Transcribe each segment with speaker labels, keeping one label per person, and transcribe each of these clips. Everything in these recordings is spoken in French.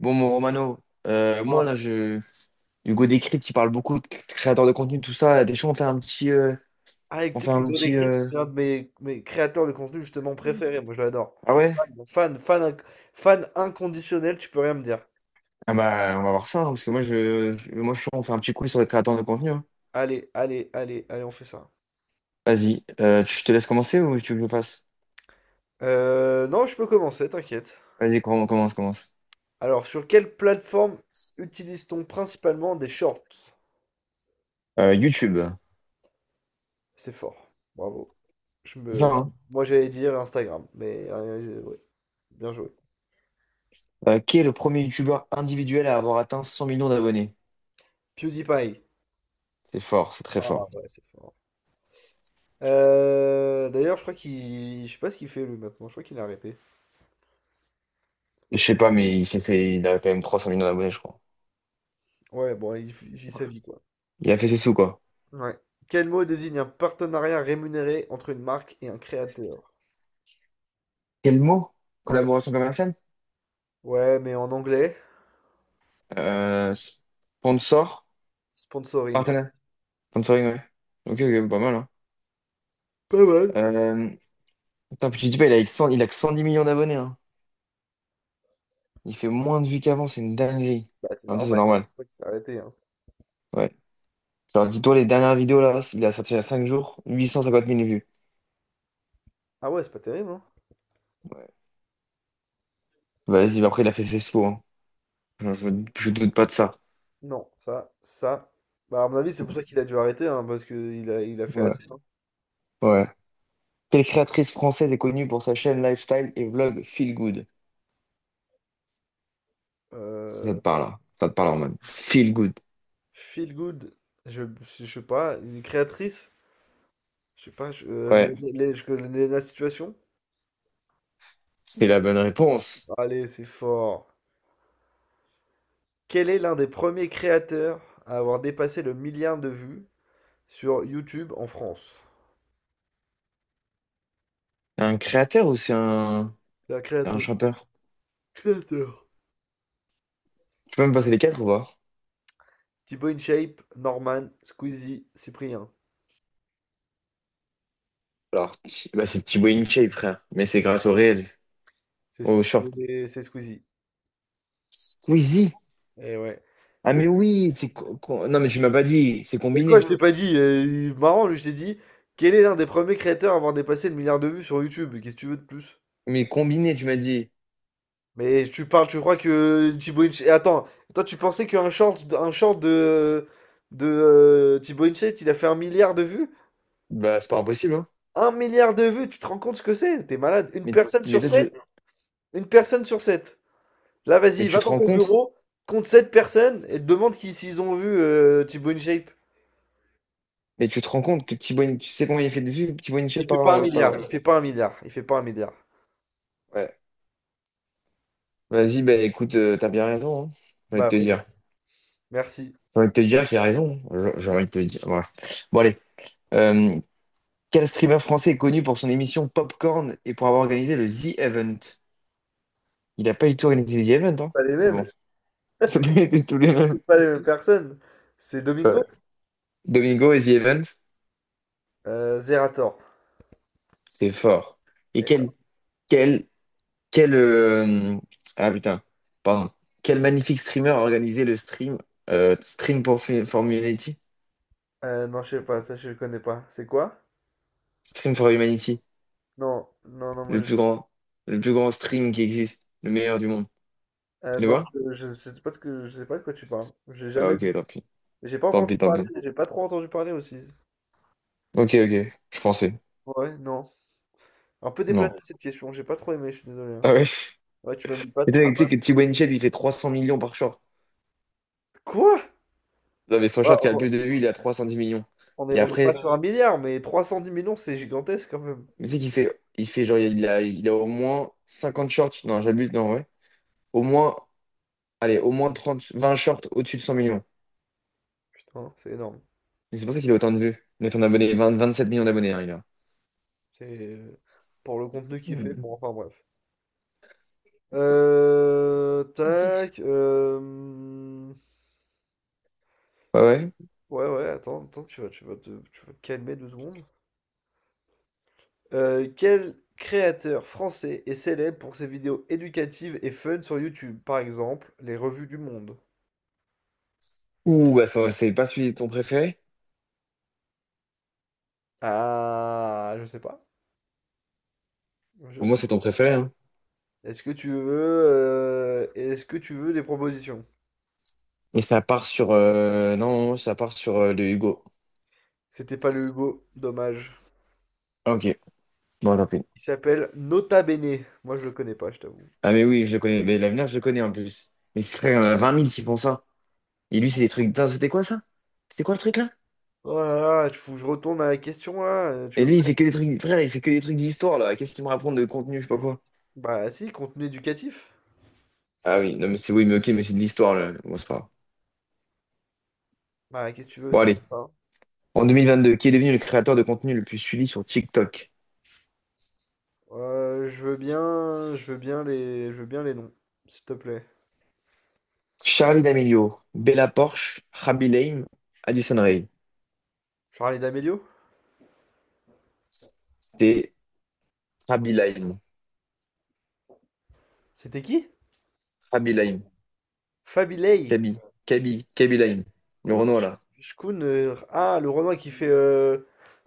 Speaker 1: Bon, mon Romano, moi là, je... Hugo Décrypte, il parle beaucoup de créateurs de contenu, tout ça. T'es on fait un petit,
Speaker 2: Ah, et
Speaker 1: on
Speaker 2: tu
Speaker 1: fait
Speaker 2: sais
Speaker 1: un
Speaker 2: qu'Hugo
Speaker 1: petit,
Speaker 2: Décrypte, c'est un de mes créateurs de contenu justement préférés. Moi, je l'adore.
Speaker 1: ah
Speaker 2: Je suis
Speaker 1: ouais?
Speaker 2: fan, fan, fan, fan inconditionnel, tu peux rien me dire.
Speaker 1: Ah bah, on va voir ça, hein, parce que moi, je... moi, je suis chaud, on fait un petit quiz sur les créateurs de contenu, hein.
Speaker 2: Allez, allez, allez, allez, on fait ça.
Speaker 1: Vas-y, je te laisse commencer ou tu veux que je le fasse?
Speaker 2: Non, je peux commencer, t'inquiète.
Speaker 1: Vas-y, commence, commence.
Speaker 2: Alors, sur quelle plateforme utilise-t-on principalement des shorts?
Speaker 1: YouTube,
Speaker 2: C'est fort. Bravo. Je
Speaker 1: c'est ça,
Speaker 2: me...
Speaker 1: hein?
Speaker 2: Moi, j'allais dire Instagram, mais ouais, bien joué.
Speaker 1: Qui est le premier youtubeur individuel à avoir atteint 100 millions d'abonnés?
Speaker 2: PewDiePie.
Speaker 1: C'est fort, c'est très
Speaker 2: Ah
Speaker 1: fort.
Speaker 2: ouais, c'est fort. D'ailleurs, je crois qu'il... Je sais pas ce qu'il fait lui maintenant. Je crois qu'il a arrêté.
Speaker 1: Je sais pas, mais il, fait il a quand même 300 millions d'abonnés, je crois.
Speaker 2: Ouais, bon, il vit
Speaker 1: Ouais.
Speaker 2: sa vie, quoi.
Speaker 1: Il a fait ses sous, quoi.
Speaker 2: Ouais. Quel mot désigne un partenariat rémunéré entre une marque et un créateur?
Speaker 1: Quel mot?
Speaker 2: Ouais.
Speaker 1: Collaboration commerciale?
Speaker 2: Ouais, mais en anglais,
Speaker 1: Euh, sponsor,
Speaker 2: sponsoring.
Speaker 1: partenaire, sponsoring, ouais. Ok, ok, pas mal, hein.
Speaker 2: Pas mal.
Speaker 1: Euh, putain, puis tu dis pas, il a, que 100 il a que 110 millions d'abonnés, hein. Il fait moins de vues qu'avant, c'est une dinguerie.
Speaker 2: Bah, c'est
Speaker 1: En même temps, c'est
Speaker 2: normal, hein.
Speaker 1: normal,
Speaker 2: C'est pour ça qu'il s'est arrêté, hein.
Speaker 1: ouais. Genre, dis-toi, les dernières vidéos, là, il a sorti il y a 5 jours, 850 000 vues.
Speaker 2: Ah ouais, c'est pas terrible, hein?
Speaker 1: Ouais. Vas-y, bah après, il a fait ses sauts, hein. Je, je, je doute pas de ça.
Speaker 2: Non, ça, ça. Bah, à mon avis, c'est pour ça qu'il a dû arrêter, hein, parce il a fait
Speaker 1: Ouais,
Speaker 2: assez, hein.
Speaker 1: ouais. Quelle créatrice française est connue pour sa chaîne lifestyle et vlog Feel Good? Ça
Speaker 2: Euh,
Speaker 1: te parle, hein. Ça te parle, en mode Feel Good.
Speaker 2: feel good, je, je sais pas, une créatrice, je sais pas,
Speaker 1: Ouais,
Speaker 2: je connais la situation.
Speaker 1: c'était la bonne réponse.
Speaker 2: Allez, c'est fort. Quel est l'un des premiers créateurs à avoir dépassé le milliard de vues sur YouTube en France?
Speaker 1: Un créateur ou c'est un,
Speaker 2: C'est un
Speaker 1: un
Speaker 2: créateur.
Speaker 1: chanteur?
Speaker 2: Créateur.
Speaker 1: Tu peux même passer les quatre ou pas?
Speaker 2: Thibaut InShape, Norman, Squeezie, Cyprien.
Speaker 1: Alors, bah, c'est Thibaut InShape, frère. Mais c'est grâce au réel,
Speaker 2: C'est c'est-
Speaker 1: au short.
Speaker 2: c'est- c'est Squeezie.
Speaker 1: Squeezie!
Speaker 2: Et ouais.
Speaker 1: Ah,
Speaker 2: Le-
Speaker 1: mais oui, c'est, non, mais tu m'as pas dit, c'est
Speaker 2: Mais quoi, je
Speaker 1: combiné.
Speaker 2: t'ai pas dit. Marrant, lui, je t'ai dit. Quel est l'un des premiers créateurs à avoir dépassé le milliard de vues sur YouTube? Qu'est-ce que tu veux de plus?
Speaker 1: Mais combiné, tu m'as dit.
Speaker 2: Mais tu parles, tu crois que Thibaut InShape. Attends, toi, tu pensais qu'un short, un short de Thibaut InShape, il a fait un milliard de vues?
Speaker 1: Bah, c'est pas impossible, hein.
Speaker 2: Un milliard de vues, tu te rends compte ce que c'est? T'es malade. Une
Speaker 1: Mais,
Speaker 2: personne
Speaker 1: mais,
Speaker 2: sur
Speaker 1: toi,
Speaker 2: sept? Une personne sur sept. Là,
Speaker 1: mais
Speaker 2: vas-y,
Speaker 1: tu
Speaker 2: va
Speaker 1: te
Speaker 2: dans
Speaker 1: rends
Speaker 2: ton
Speaker 1: compte?
Speaker 2: bureau, compte sept personnes et te demande qui, s'ils ont vu Thibaut InShape.
Speaker 1: Mais tu te rends compte que tu sais combien il a fait de vues, Thibaut
Speaker 2: Il
Speaker 1: InShape
Speaker 2: fait
Speaker 1: par,
Speaker 2: pas un milliard,
Speaker 1: par.
Speaker 2: il fait pas un milliard, il fait pas un milliard.
Speaker 1: Ouais. Vas-y, bah écoute, t'as bien raison, hein. J'ai envie de
Speaker 2: Bah
Speaker 1: te
Speaker 2: ouais,
Speaker 1: dire.
Speaker 2: merci.
Speaker 1: J'ai envie de te dire qu'il a raison, hein. J'ai envie de te dire. Ouais. Bon, allez, euh, quel streamer français est connu pour son émission Popcorn et pour avoir organisé le The Event? Il n'a pas du tout organisé The Event,
Speaker 2: C'est
Speaker 1: hein?
Speaker 2: pas les
Speaker 1: Mais
Speaker 2: mêmes,
Speaker 1: bon, ça peut être tous les mêmes.
Speaker 2: c'est pas les mêmes personnes. C'est
Speaker 1: Ouais.
Speaker 2: Domingo?
Speaker 1: Domingo et The Event,
Speaker 2: Zerator.
Speaker 1: c'est fort. Et
Speaker 2: Eh,
Speaker 1: quel, quel, euh, ah putain, pardon. Quel magnifique streamer a organisé le stream, Stream for Humanity?
Speaker 2: non, je sais pas, ça je le connais pas. C'est quoi?
Speaker 1: Stream for Humanity,
Speaker 2: Non, non, non, moi
Speaker 1: le
Speaker 2: je...
Speaker 1: plus grand, le plus grand stream qui existe, le meilleur du monde. Tu le
Speaker 2: Non,
Speaker 1: vois?
Speaker 2: je sais pas de ce que je sais pas de quoi tu parles. J'ai
Speaker 1: Ah
Speaker 2: jamais
Speaker 1: ok,
Speaker 2: vu.
Speaker 1: tant pis,
Speaker 2: J'ai pas
Speaker 1: tant
Speaker 2: entendu
Speaker 1: pis, tant
Speaker 2: parler,
Speaker 1: pis.
Speaker 2: j'ai pas trop entendu parler aussi.
Speaker 1: Ok, ok, je pensais.
Speaker 2: Ouais, non. Un peu
Speaker 1: Non.
Speaker 2: déplacée cette question, j'ai pas trop aimé, je suis désolé, hein.
Speaker 1: Ah ouais?
Speaker 2: Ouais, tu m'aimes pas,
Speaker 1: Et tu
Speaker 2: tu
Speaker 1: sais
Speaker 2: vois.
Speaker 1: tu sais que T-Boy il fait 300 millions par short.
Speaker 2: Quoi?
Speaker 1: Non, mais son short qui a le plus de vues, il est à 310 millions. Et
Speaker 2: On est pas
Speaker 1: après,
Speaker 2: sur un milliard, mais 310 millions, c'est gigantesque quand même.
Speaker 1: mais tu sais qu'il fait, il fait genre, il a au moins 50 shorts. Non, j'abuse, non, ouais. Au moins, allez, au moins 30, 20 shorts au-dessus de 100 millions.
Speaker 2: Putain, c'est énorme.
Speaker 1: Et c'est pour ça qu'il a autant de vues. Mais ton abonné, 20 27 millions d'abonnés, hein, il a.
Speaker 2: C'est pour le contenu qu'il fait.
Speaker 1: Mm.
Speaker 2: Bon, enfin bref. Tac.
Speaker 1: Ouais, ouais.
Speaker 2: Ouais, ouais, attends, attends, tu vas te calmer deux secondes. Quel créateur français est célèbre pour ses vidéos éducatives et fun sur YouTube? Par exemple, les revues du monde.
Speaker 1: Ouh, bah, c'est pas celui de ton préféré?
Speaker 2: Ah, je sais pas. Je
Speaker 1: Pour moi,
Speaker 2: sais.
Speaker 1: c'est ton préféré, hein.
Speaker 2: Est-ce que tu veux, est-ce que tu veux des propositions?
Speaker 1: Et ça part sur, non, ça part sur le Hugo.
Speaker 2: C'était pas le Hugo, dommage.
Speaker 1: Ah, ok, bon, tant pis.
Speaker 2: Il s'appelle Nota Bene. Moi, je le connais pas, je t'avoue.
Speaker 1: Ah, mais oui, je le connais. Mais l'avenir, je le connais en plus. Mais c'est frère, il y en a 20 000 qui font ça. Et lui, c'est des
Speaker 2: D'accord.
Speaker 1: trucs. Putain, c'était quoi ça? C'était quoi le truc là?
Speaker 2: Oh là là, tu faut que je retourne à la question là. Tu
Speaker 1: Et
Speaker 2: veux
Speaker 1: lui,
Speaker 2: pas...
Speaker 1: il fait que des trucs. Frère, il fait que des trucs d'histoire là. Qu'est-ce qu'il me raconte de contenu, je sais pas quoi.
Speaker 2: Bah si, contenu éducatif.
Speaker 1: Ah oui, non, mais c'est oui, mais ok, mais c'est de l'histoire là. Bon, c'est pas grave.
Speaker 2: Bah qu'est-ce que tu veux,
Speaker 1: Bon,
Speaker 2: c'est...
Speaker 1: allez. En 2022, qui est devenu le créateur de contenu le plus suivi sur TikTok?
Speaker 2: Je veux bien, je veux bien les noms, s'il te plaît.
Speaker 1: Charlie D'Amelio, Bella Porsche, Rabi Lame, Addison Rae.
Speaker 2: Charlie D'Amelio?
Speaker 1: C'était Rabi Lame.
Speaker 2: C'était qui?
Speaker 1: Rabi Lame.
Speaker 2: Fabilei.
Speaker 1: Kaby. Kaby. Kaby Lame. Le
Speaker 2: Cool.
Speaker 1: Renault là.
Speaker 2: Shkun, ah, le Renoir qui fait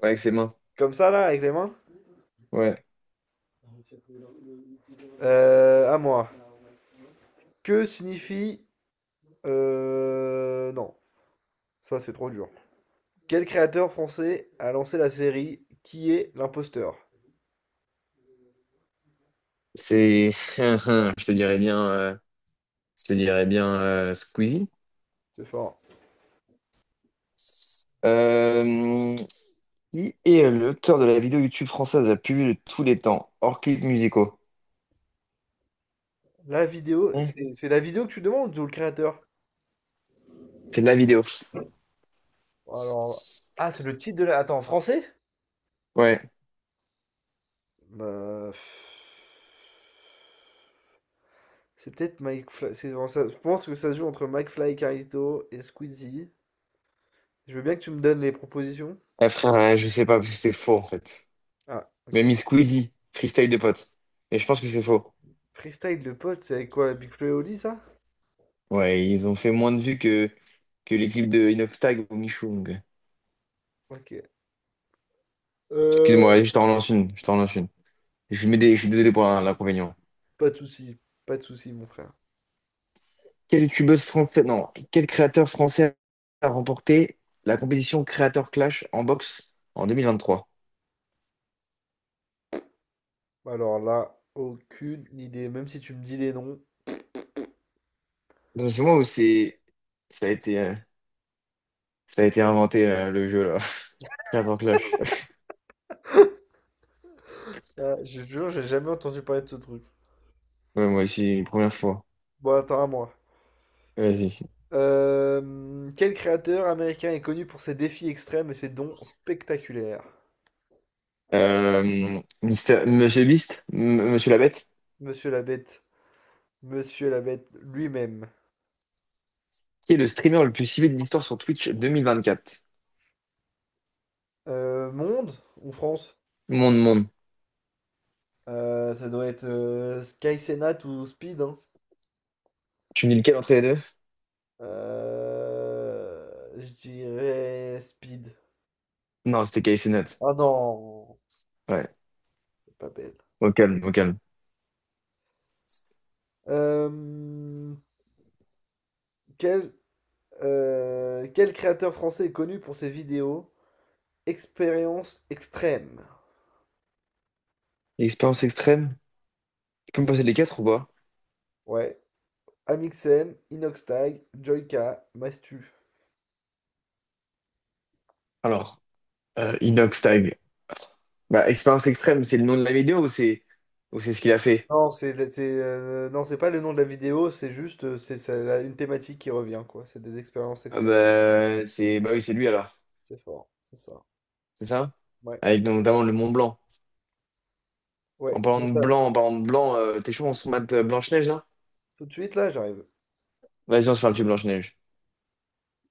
Speaker 1: Ouais, avec ses mains.
Speaker 2: comme ça là, avec les mains.
Speaker 1: Ouais.
Speaker 2: À moi. Que signifie non, Ça c'est trop dur. Quel créateur français a lancé la série Qui est l'imposteur?
Speaker 1: C'est. Je te dirais bien, je te dirais bien, Squeezie.
Speaker 2: C'est fort.
Speaker 1: Euh, qui est l'auteur de la vidéo YouTube française la plus vue de tous les temps, hors clips musicaux?
Speaker 2: La vidéo,
Speaker 1: Hmm.
Speaker 2: c'est la vidéo que tu demandes ou le créateur?
Speaker 1: C'est de la vidéo.
Speaker 2: Alors, ah, c'est le titre de la. Attends, en français?
Speaker 1: Ouais.
Speaker 2: Bah, pff, c'est peut-être Mike Fly. Je pense que ça se joue entre Mike Fly, Carlito et Squeezie. Je veux bien que tu me donnes les propositions.
Speaker 1: Ah, frère, je sais pas, parce que c'est faux en fait.
Speaker 2: Ah, ok.
Speaker 1: Même Squeezie, freestyle de potes. Mais je pense que c'est faux.
Speaker 2: Freestyle de pote, c'est avec quoi? Big Flo et Oli, ça?
Speaker 1: Ouais, ils ont fait moins de vues que, les clips de Inox Tag ou Michoung.
Speaker 2: Ok. Euh,
Speaker 1: Excuse-moi, je t'en relance une. Je t'en relance une. Je mets des, je suis désolé pour l'inconvénient.
Speaker 2: Pas de souci, pas de souci, mon frère.
Speaker 1: Quelle youtubeuse française, non, quel créateur français a remporté la compétition Créateur Clash en boxe en 2023?
Speaker 2: Alors là, aucune idée. Même si tu me dis les noms,
Speaker 1: Dans ce moment où c'est, ça a été, euh, ça a été inventé là, le jeu là. Carte en clash.
Speaker 2: je te jure, j'ai jamais entendu parler de ce truc.
Speaker 1: Ouais, moi aussi, première fois.
Speaker 2: Bon, attends à moi.
Speaker 1: Vas-y.
Speaker 2: Quel créateur américain est connu pour ses défis extrêmes et ses dons spectaculaires?
Speaker 1: Monsieur Beast, Monsieur la Bête,
Speaker 2: Monsieur la Bête. Monsieur la Bête lui-même.
Speaker 1: qui est le streamer le plus suivi de l'histoire sur Twitch 2024?
Speaker 2: Monde ou France?
Speaker 1: Monde, monde.
Speaker 2: Ça doit être Sky Senat ou Speed, hein.
Speaker 1: Tu me dis lequel entre les deux?
Speaker 2: Je dirais Speed.
Speaker 1: Non, c'était KC Nat.
Speaker 2: Ah non,
Speaker 1: Ouais.
Speaker 2: c'est pas belle.
Speaker 1: Au calme, au calme.
Speaker 2: Euh, quel Quel créateur français est connu pour ses vidéos. Expérience extrême.
Speaker 1: Expérience extrême? Tu peux me passer les quatre ou pas?
Speaker 2: Ouais. Amixem, Inoxtag, Joyka, Mastu.
Speaker 1: Alors, Inox Tag. Bah, expérience extrême, c'est le nom de la vidéo ou c'est ce qu'il a fait?
Speaker 2: Non, c'est pas le nom de la vidéo, c'est juste une thématique qui revient quoi. C'est des expériences
Speaker 1: Ah
Speaker 2: extrêmes.
Speaker 1: bah, c'est bah oui, c'est lui alors,
Speaker 2: C'est fort, c'est ça.
Speaker 1: c'est ça?
Speaker 2: Ouais.
Speaker 1: Avec donc, notamment le Mont Blanc.
Speaker 2: Ouais.
Speaker 1: En parlant
Speaker 2: Donc,
Speaker 1: de
Speaker 2: là,
Speaker 1: blanc, en parlant de blanc, t'es chaud, on se mate Blanche-Neige là?
Speaker 2: tout de suite là, j'arrive.
Speaker 1: Vas-y, on se fait un petit Blanche-Neige.